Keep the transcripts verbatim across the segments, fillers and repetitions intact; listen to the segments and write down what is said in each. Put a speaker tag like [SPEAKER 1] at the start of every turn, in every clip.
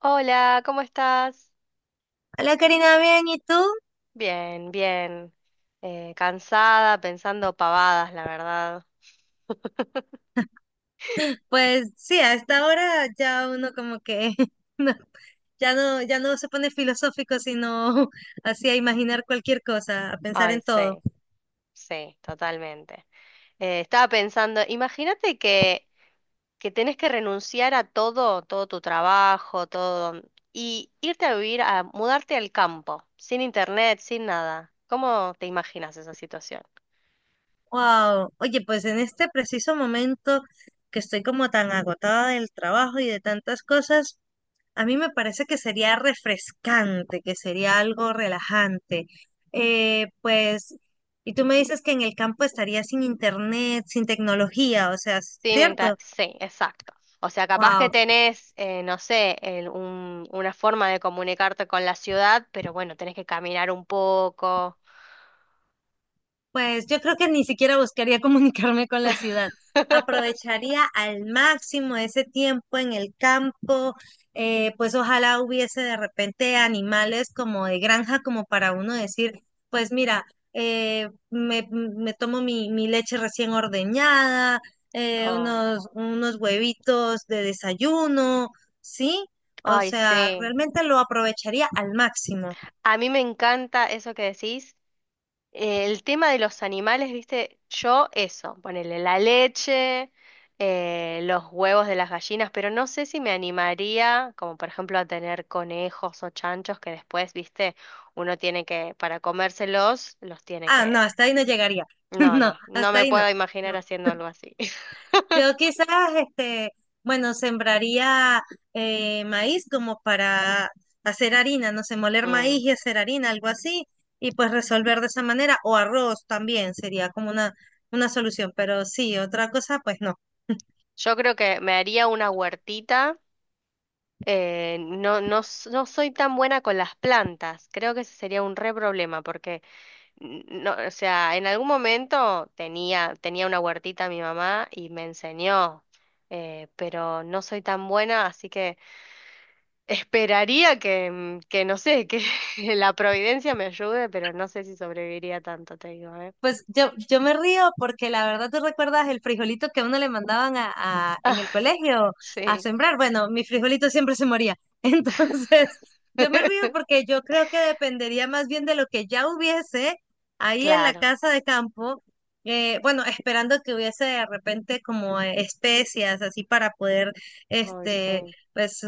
[SPEAKER 1] Hola, ¿cómo estás?
[SPEAKER 2] Hola Karina, bien, ¿y tú?
[SPEAKER 1] Bien, bien. Eh, cansada, pensando pavadas, la verdad.
[SPEAKER 2] Pues sí, a esta hora ya uno como que no, ya no, ya no se pone filosófico, sino así a imaginar cualquier cosa, a pensar
[SPEAKER 1] Ay,
[SPEAKER 2] en todo.
[SPEAKER 1] sí, sí, totalmente. Eh, estaba pensando, imagínate que, que tenés que renunciar a todo, todo tu trabajo, todo, y irte a vivir, a mudarte al campo, sin internet, sin nada. ¿Cómo te imaginas esa situación?
[SPEAKER 2] Wow, oye, pues en este preciso momento que estoy como tan agotada del trabajo y de tantas cosas, a mí me parece que sería refrescante, que sería algo relajante. Eh, pues, y tú me dices que en el campo estaría sin internet, sin tecnología, o sea,
[SPEAKER 1] Sin inter-
[SPEAKER 2] ¿cierto?
[SPEAKER 1] Sí, exacto. O sea, capaz que
[SPEAKER 2] Wow,
[SPEAKER 1] tenés, eh, no sé, el- un- una forma de comunicarte con la ciudad, pero bueno, tenés que caminar un poco.
[SPEAKER 2] pues yo creo que ni siquiera buscaría comunicarme con la ciudad. Aprovecharía al máximo ese tiempo en el campo. Eh, pues ojalá hubiese de repente animales como de granja, como para uno decir, pues mira, eh, me, me tomo mi, mi leche recién ordeñada, eh,
[SPEAKER 1] Oh,
[SPEAKER 2] unos, unos huevitos de desayuno, ¿sí? O
[SPEAKER 1] ay,
[SPEAKER 2] sea,
[SPEAKER 1] sí.
[SPEAKER 2] realmente lo aprovecharía al máximo.
[SPEAKER 1] A mí me encanta eso que decís, eh, el tema de los animales, viste, yo eso, ponerle la leche, eh, los huevos de las gallinas, pero no sé si me animaría, como por ejemplo a tener conejos o chanchos que después, viste, uno tiene que, para comérselos, los tiene
[SPEAKER 2] Ah, no,
[SPEAKER 1] que...
[SPEAKER 2] hasta ahí no llegaría.
[SPEAKER 1] No,
[SPEAKER 2] No,
[SPEAKER 1] no, no
[SPEAKER 2] hasta
[SPEAKER 1] me
[SPEAKER 2] ahí no.
[SPEAKER 1] puedo imaginar
[SPEAKER 2] No.
[SPEAKER 1] haciendo algo así.
[SPEAKER 2] Yo quizás, este, bueno, sembraría eh, maíz como para hacer harina, no sé, moler
[SPEAKER 1] Mm.
[SPEAKER 2] maíz y hacer harina, algo así, y pues resolver de esa manera, o arroz también sería como una, una solución, pero sí, otra cosa, pues no.
[SPEAKER 1] Yo creo que me haría una huertita. Eh, no, no, s- no soy tan buena con las plantas. Creo que ese sería un re problema porque N- no, o sea, en algún momento tenía, tenía una huertita mi mamá y me enseñó, eh, pero no soy tan buena, así que esperaría que, mm, que no sé, que la providencia me ayude, pero no sé si sobreviviría tanto, te digo, ¿eh?
[SPEAKER 2] Pues yo, yo me río porque la verdad tú recuerdas el frijolito que a uno le mandaban a, a- en
[SPEAKER 1] Ah,
[SPEAKER 2] el colegio a
[SPEAKER 1] sí.
[SPEAKER 2] sembrar. Bueno, mi frijolito siempre se moría. Entonces, yo me río porque yo creo que dependería más bien de lo que ya hubiese ahí en la
[SPEAKER 1] Claro,
[SPEAKER 2] casa de campo. Eh, bueno, esperando que hubiese de repente como eh, especias así para poder,
[SPEAKER 1] hoy
[SPEAKER 2] este,
[SPEAKER 1] sí.
[SPEAKER 2] pues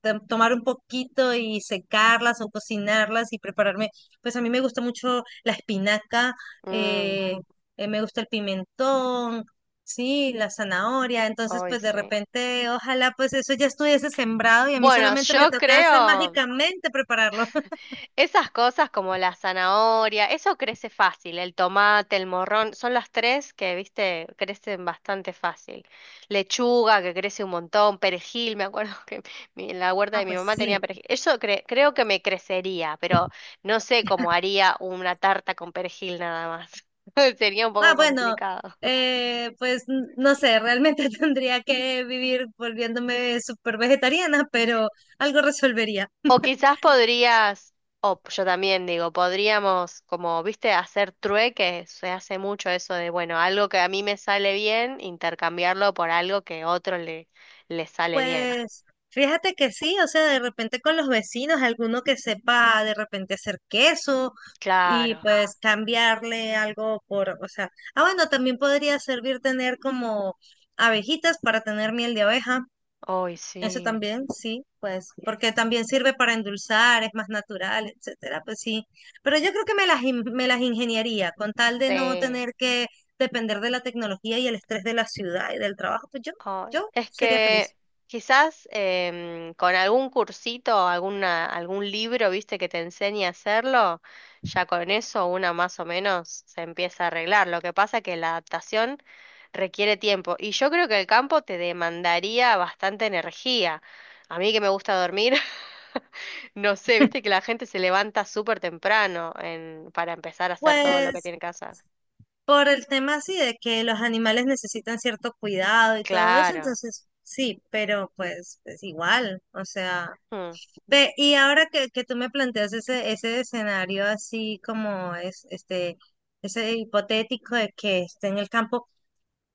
[SPEAKER 2] to- tomar un poquito y secarlas o cocinarlas y prepararme. Pues a mí me gusta mucho la espinaca,
[SPEAKER 1] Mm,
[SPEAKER 2] eh, eh, me gusta el pimentón, sí, la zanahoria, entonces
[SPEAKER 1] hoy
[SPEAKER 2] pues de
[SPEAKER 1] sí.
[SPEAKER 2] repente ojalá pues eso ya estuviese sembrado y a mí
[SPEAKER 1] Bueno,
[SPEAKER 2] solamente me
[SPEAKER 1] yo
[SPEAKER 2] tocase
[SPEAKER 1] creo.
[SPEAKER 2] mágicamente prepararlo.
[SPEAKER 1] Esas cosas como la zanahoria, eso crece fácil, el tomate, el morrón, son las tres que, viste, crecen bastante fácil. Lechuga, que crece un montón, perejil, me acuerdo que mi- en la huerta
[SPEAKER 2] Ah,
[SPEAKER 1] de mi
[SPEAKER 2] pues
[SPEAKER 1] mamá tenía
[SPEAKER 2] sí.
[SPEAKER 1] perejil. Eso cre- creo que me crecería, pero no sé cómo haría una tarta con perejil nada más. Sería un
[SPEAKER 2] Ah,
[SPEAKER 1] poco
[SPEAKER 2] bueno,
[SPEAKER 1] complicado.
[SPEAKER 2] eh, pues n- no sé, realmente tendría que vivir volviéndome súper vegetariana, pero algo resolvería.
[SPEAKER 1] O quizás podrías, o yo también digo, podríamos, como viste, hacer trueque, se hace mucho eso de, bueno, algo que a mí me sale bien, intercambiarlo por algo que a otro le, le sale bien.
[SPEAKER 2] Pues fíjate que sí, o sea, de repente con los vecinos, alguno que sepa de repente hacer queso y
[SPEAKER 1] Claro,
[SPEAKER 2] pues cambiarle algo por, o sea, ah, bueno, también podría servir tener como abejitas para tener miel de abeja,
[SPEAKER 1] hoy
[SPEAKER 2] eso
[SPEAKER 1] sí.
[SPEAKER 2] también, sí, pues, porque también sirve para endulzar, es más natural, etcétera, pues sí, pero yo creo que me las, in- me las ingeniaría con tal de no
[SPEAKER 1] Sí.
[SPEAKER 2] tener que depender de la tecnología y el estrés de la ciudad y del trabajo, pues yo,
[SPEAKER 1] Ay,
[SPEAKER 2] yo
[SPEAKER 1] es
[SPEAKER 2] sería feliz.
[SPEAKER 1] que quizás em, con algún cursito, alguna, algún libro, viste, que te enseñe a hacerlo, ya con eso una más o menos se empieza a arreglar. Lo que pasa que la adaptación requiere tiempo y yo creo que el campo te demandaría bastante energía. A mí que me gusta dormir, no sé, viste que la gente se levanta súper temprano en- para empezar a hacer todo lo que
[SPEAKER 2] Pues
[SPEAKER 1] tiene que hacer.
[SPEAKER 2] por el tema así de que los animales necesitan cierto cuidado y todo eso,
[SPEAKER 1] Claro.
[SPEAKER 2] entonces sí, pero pues es igual, o sea,
[SPEAKER 1] Mm.
[SPEAKER 2] ve, y ahora que, que tú me planteas ese, ese escenario así como es, este, ese hipotético de que esté en el campo.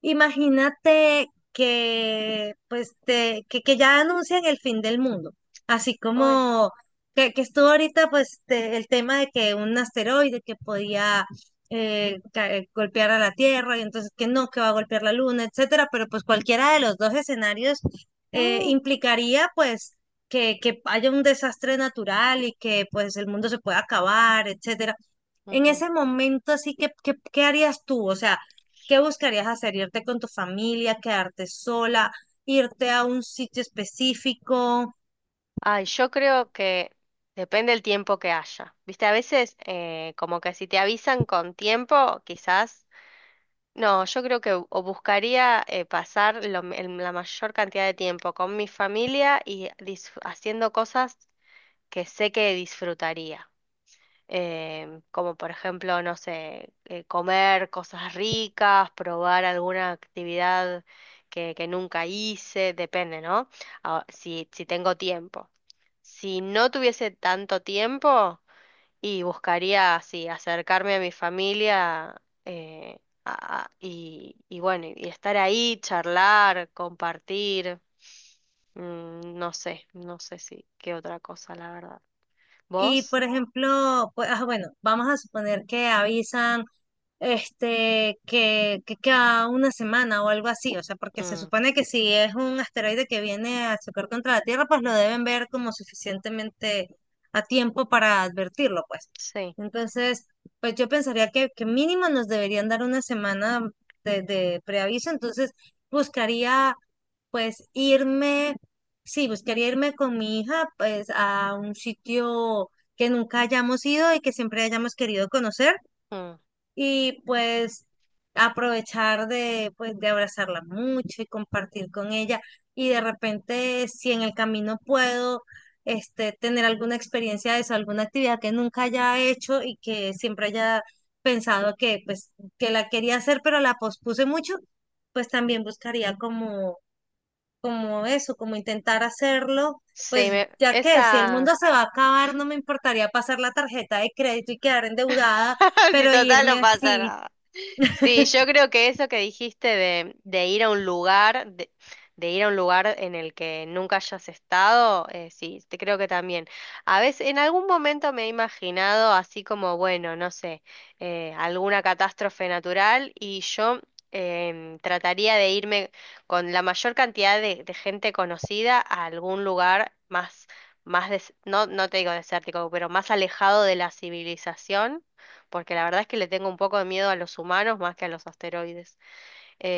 [SPEAKER 2] Imagínate que, pues, te- que, que ya anuncian el fin del mundo, así
[SPEAKER 1] Ay.
[SPEAKER 2] como que, que estuvo ahorita, pues, te- el tema de que un asteroide que podía eh, ca- eh, golpear a la Tierra, y entonces que no, que va a golpear la Luna, etcétera, pero pues cualquiera de los dos escenarios eh,
[SPEAKER 1] Mm.
[SPEAKER 2] implicaría, pues, que, que haya un desastre natural y que, pues, el mundo se pueda acabar, etcétera. En
[SPEAKER 1] Ujú.
[SPEAKER 2] ese momento, así que, ¿qué, ¿qué harías tú? O sea, ¿qué buscarías hacer? ¿Irte con tu familia, quedarte sola, irte a un sitio específico?
[SPEAKER 1] Ay, yo creo que depende el tiempo que haya. Viste, a veces eh, como que si te avisan con tiempo, quizás... No, yo creo que o buscaría eh, pasar lo m- el- la mayor cantidad de tiempo con mi familia y dis- haciendo cosas que sé que disfrutaría. Em, como por ejemplo, no sé, eh, comer cosas ricas, probar alguna actividad que, que nunca hice, depende, ¿no? Ah, si, si tengo tiempo. Si no tuviese tanto tiempo y buscaría así acercarme a mi familia, eh, a- a- y, y bueno, y estar ahí, charlar, compartir, mm, no sé, no sé si qué otra cosa, la verdad.
[SPEAKER 2] Y,
[SPEAKER 1] ¿Vos?
[SPEAKER 2] por ejemplo, pues, ah, bueno, vamos a suponer que avisan, este, que, que cada una semana o algo así, o sea, porque se
[SPEAKER 1] Mm,
[SPEAKER 2] supone que si es un asteroide que viene a chocar contra la Tierra, pues lo deben ver como suficientemente a tiempo para advertirlo, pues.
[SPEAKER 1] sí.
[SPEAKER 2] Entonces, pues yo pensaría que, que mínimo nos deberían dar una semana de, de preaviso, entonces buscaría pues irme, sí, buscaría irme con mi hija pues a un sitio que nunca hayamos ido y que siempre hayamos querido conocer
[SPEAKER 1] Mm.
[SPEAKER 2] y pues aprovechar de, pues, de abrazarla mucho y compartir con ella. Y de repente, si en el camino puedo, este, tener alguna experiencia de eso, alguna actividad que nunca haya hecho y que siempre haya pensado que, pues, que la quería hacer, pero la pospuse mucho, pues también buscaría como, como eso, como intentar hacerlo.
[SPEAKER 1] Sí,
[SPEAKER 2] Pues
[SPEAKER 1] me-
[SPEAKER 2] ya que si el
[SPEAKER 1] esa...
[SPEAKER 2] mundo se va a acabar, no me importaría pasar la tarjeta de crédito y quedar endeudada,
[SPEAKER 1] Si
[SPEAKER 2] pero
[SPEAKER 1] total no
[SPEAKER 2] irme
[SPEAKER 1] pasa
[SPEAKER 2] así.
[SPEAKER 1] nada. Sí, yo creo que eso que dijiste de, de ir a un lugar, de, de ir a un lugar en el que nunca hayas estado, eh, sí, te creo que también. A veces, en algún momento me he imaginado así como, bueno, no sé, eh, alguna catástrofe natural y yo em, trataría de irme con la mayor cantidad de, de gente conocida a algún lugar más, más des- no, no te digo desértico, pero más alejado de la civilización porque la verdad es que le tengo un poco de miedo a los humanos más que a los asteroides.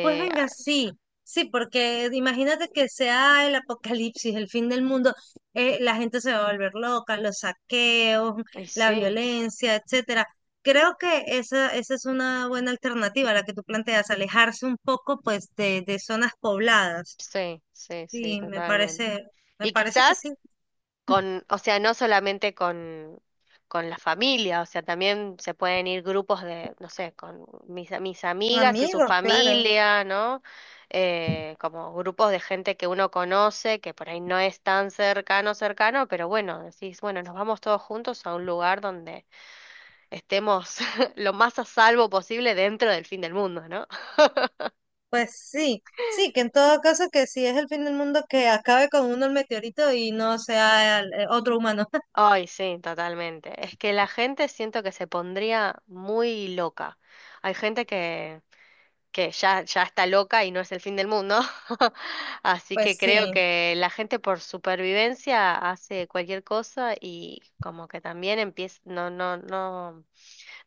[SPEAKER 2] Pues venga, sí, sí, porque imagínate que sea el apocalipsis, el fin del mundo, eh, la gente se va a volver loca, los saqueos,
[SPEAKER 1] y
[SPEAKER 2] la
[SPEAKER 1] sí,
[SPEAKER 2] violencia, etcétera. Creo que esa, esa es una buena alternativa, la que tú planteas, alejarse un poco, pues, de, de zonas pobladas.
[SPEAKER 1] sí, sí, sí,
[SPEAKER 2] Sí, me
[SPEAKER 1] totalmente.
[SPEAKER 2] parece, me
[SPEAKER 1] Y
[SPEAKER 2] parece que
[SPEAKER 1] quizás
[SPEAKER 2] sí.
[SPEAKER 1] con, o sea, no solamente con, con la familia, o sea, también se pueden ir grupos de, no sé, con mis, mis
[SPEAKER 2] Con
[SPEAKER 1] amigas y su
[SPEAKER 2] amigos, claro.
[SPEAKER 1] familia, ¿no? Eh, como grupos de gente que uno conoce, que por ahí no es tan cercano, cercano, pero bueno, decís, bueno, nos vamos todos juntos a un lugar donde estemos lo más a salvo posible dentro del fin del mundo, ¿no?
[SPEAKER 2] Pues sí, sí, que en todo caso que si es el fin del mundo, que acabe con uno el meteorito y no sea el- eh, otro humano.
[SPEAKER 1] Ay, sí, totalmente. Es que la gente siento que se pondría muy loca. Hay gente que, que ya, ya está loca y no es el fin del mundo. Así que
[SPEAKER 2] Pues
[SPEAKER 1] creo
[SPEAKER 2] sí.
[SPEAKER 1] que la gente por supervivencia hace cualquier cosa y como que también empieza, no, no, no,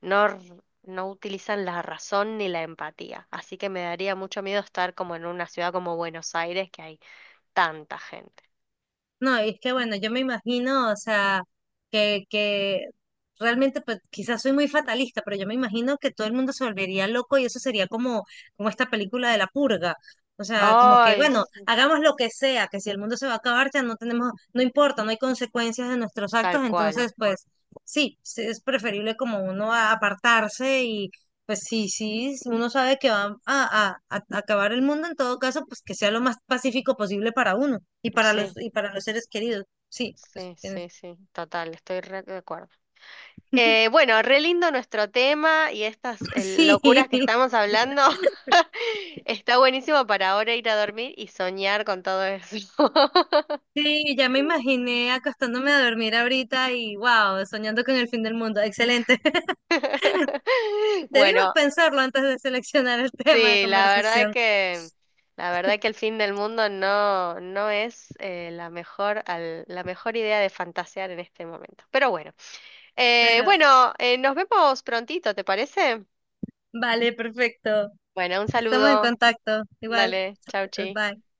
[SPEAKER 1] no, r- no utilizan la razón ni la empatía. Así que me daría mucho miedo estar como en una ciudad como Buenos Aires, que hay tanta gente.
[SPEAKER 2] No, y es que bueno, yo me imagino, o sea, que, que realmente pues, quizás soy muy fatalista, pero yo me imagino que todo el mundo se volvería loco y eso sería como, como esta película de la purga. O sea, como que,
[SPEAKER 1] Ay,
[SPEAKER 2] bueno,
[SPEAKER 1] sí,
[SPEAKER 2] hagamos lo que sea, que si el mundo se va a acabar, ya no tenemos, no importa, no hay consecuencias de nuestros
[SPEAKER 1] tal
[SPEAKER 2] actos,
[SPEAKER 1] cual.
[SPEAKER 2] entonces pues sí, sí, es preferible como uno a- apartarse, pues sí, sí, si uno sabe que va a, a- a acabar el mundo, en todo caso, pues que sea lo más pacífico posible para uno y para los
[SPEAKER 1] Sí,
[SPEAKER 2] y para los seres queridos. Sí, pues
[SPEAKER 1] sí,
[SPEAKER 2] tienes-
[SPEAKER 1] sí, sí, total, estoy re de acuerdo. Eh, bueno, re lindo nuestro tema y estas eh, locuras
[SPEAKER 2] sí,
[SPEAKER 1] que estamos hablando. Está buenísimo para ahora ir a dormir y soñar con todo eso.
[SPEAKER 2] sí, ya me imaginé acostándome a dormir ahorita y wow, soñando con el fin del mundo. Excelente. Debimos
[SPEAKER 1] Bueno,
[SPEAKER 2] pensarlo antes de seleccionar el tema de
[SPEAKER 1] sí, la verdad
[SPEAKER 2] conversación,
[SPEAKER 1] que la verdad que el fin del mundo no no es eh, la mejor al- la mejor idea de fantasear en este momento. Pero bueno. Eh,
[SPEAKER 2] pero
[SPEAKER 1] bueno, eh, Nos vemos prontito, ¿te parece?
[SPEAKER 2] vale, perfecto.
[SPEAKER 1] Bueno, un
[SPEAKER 2] Estamos en
[SPEAKER 1] saludo.
[SPEAKER 2] contacto. Igual,
[SPEAKER 1] Dale, chau, chi.
[SPEAKER 2] bye.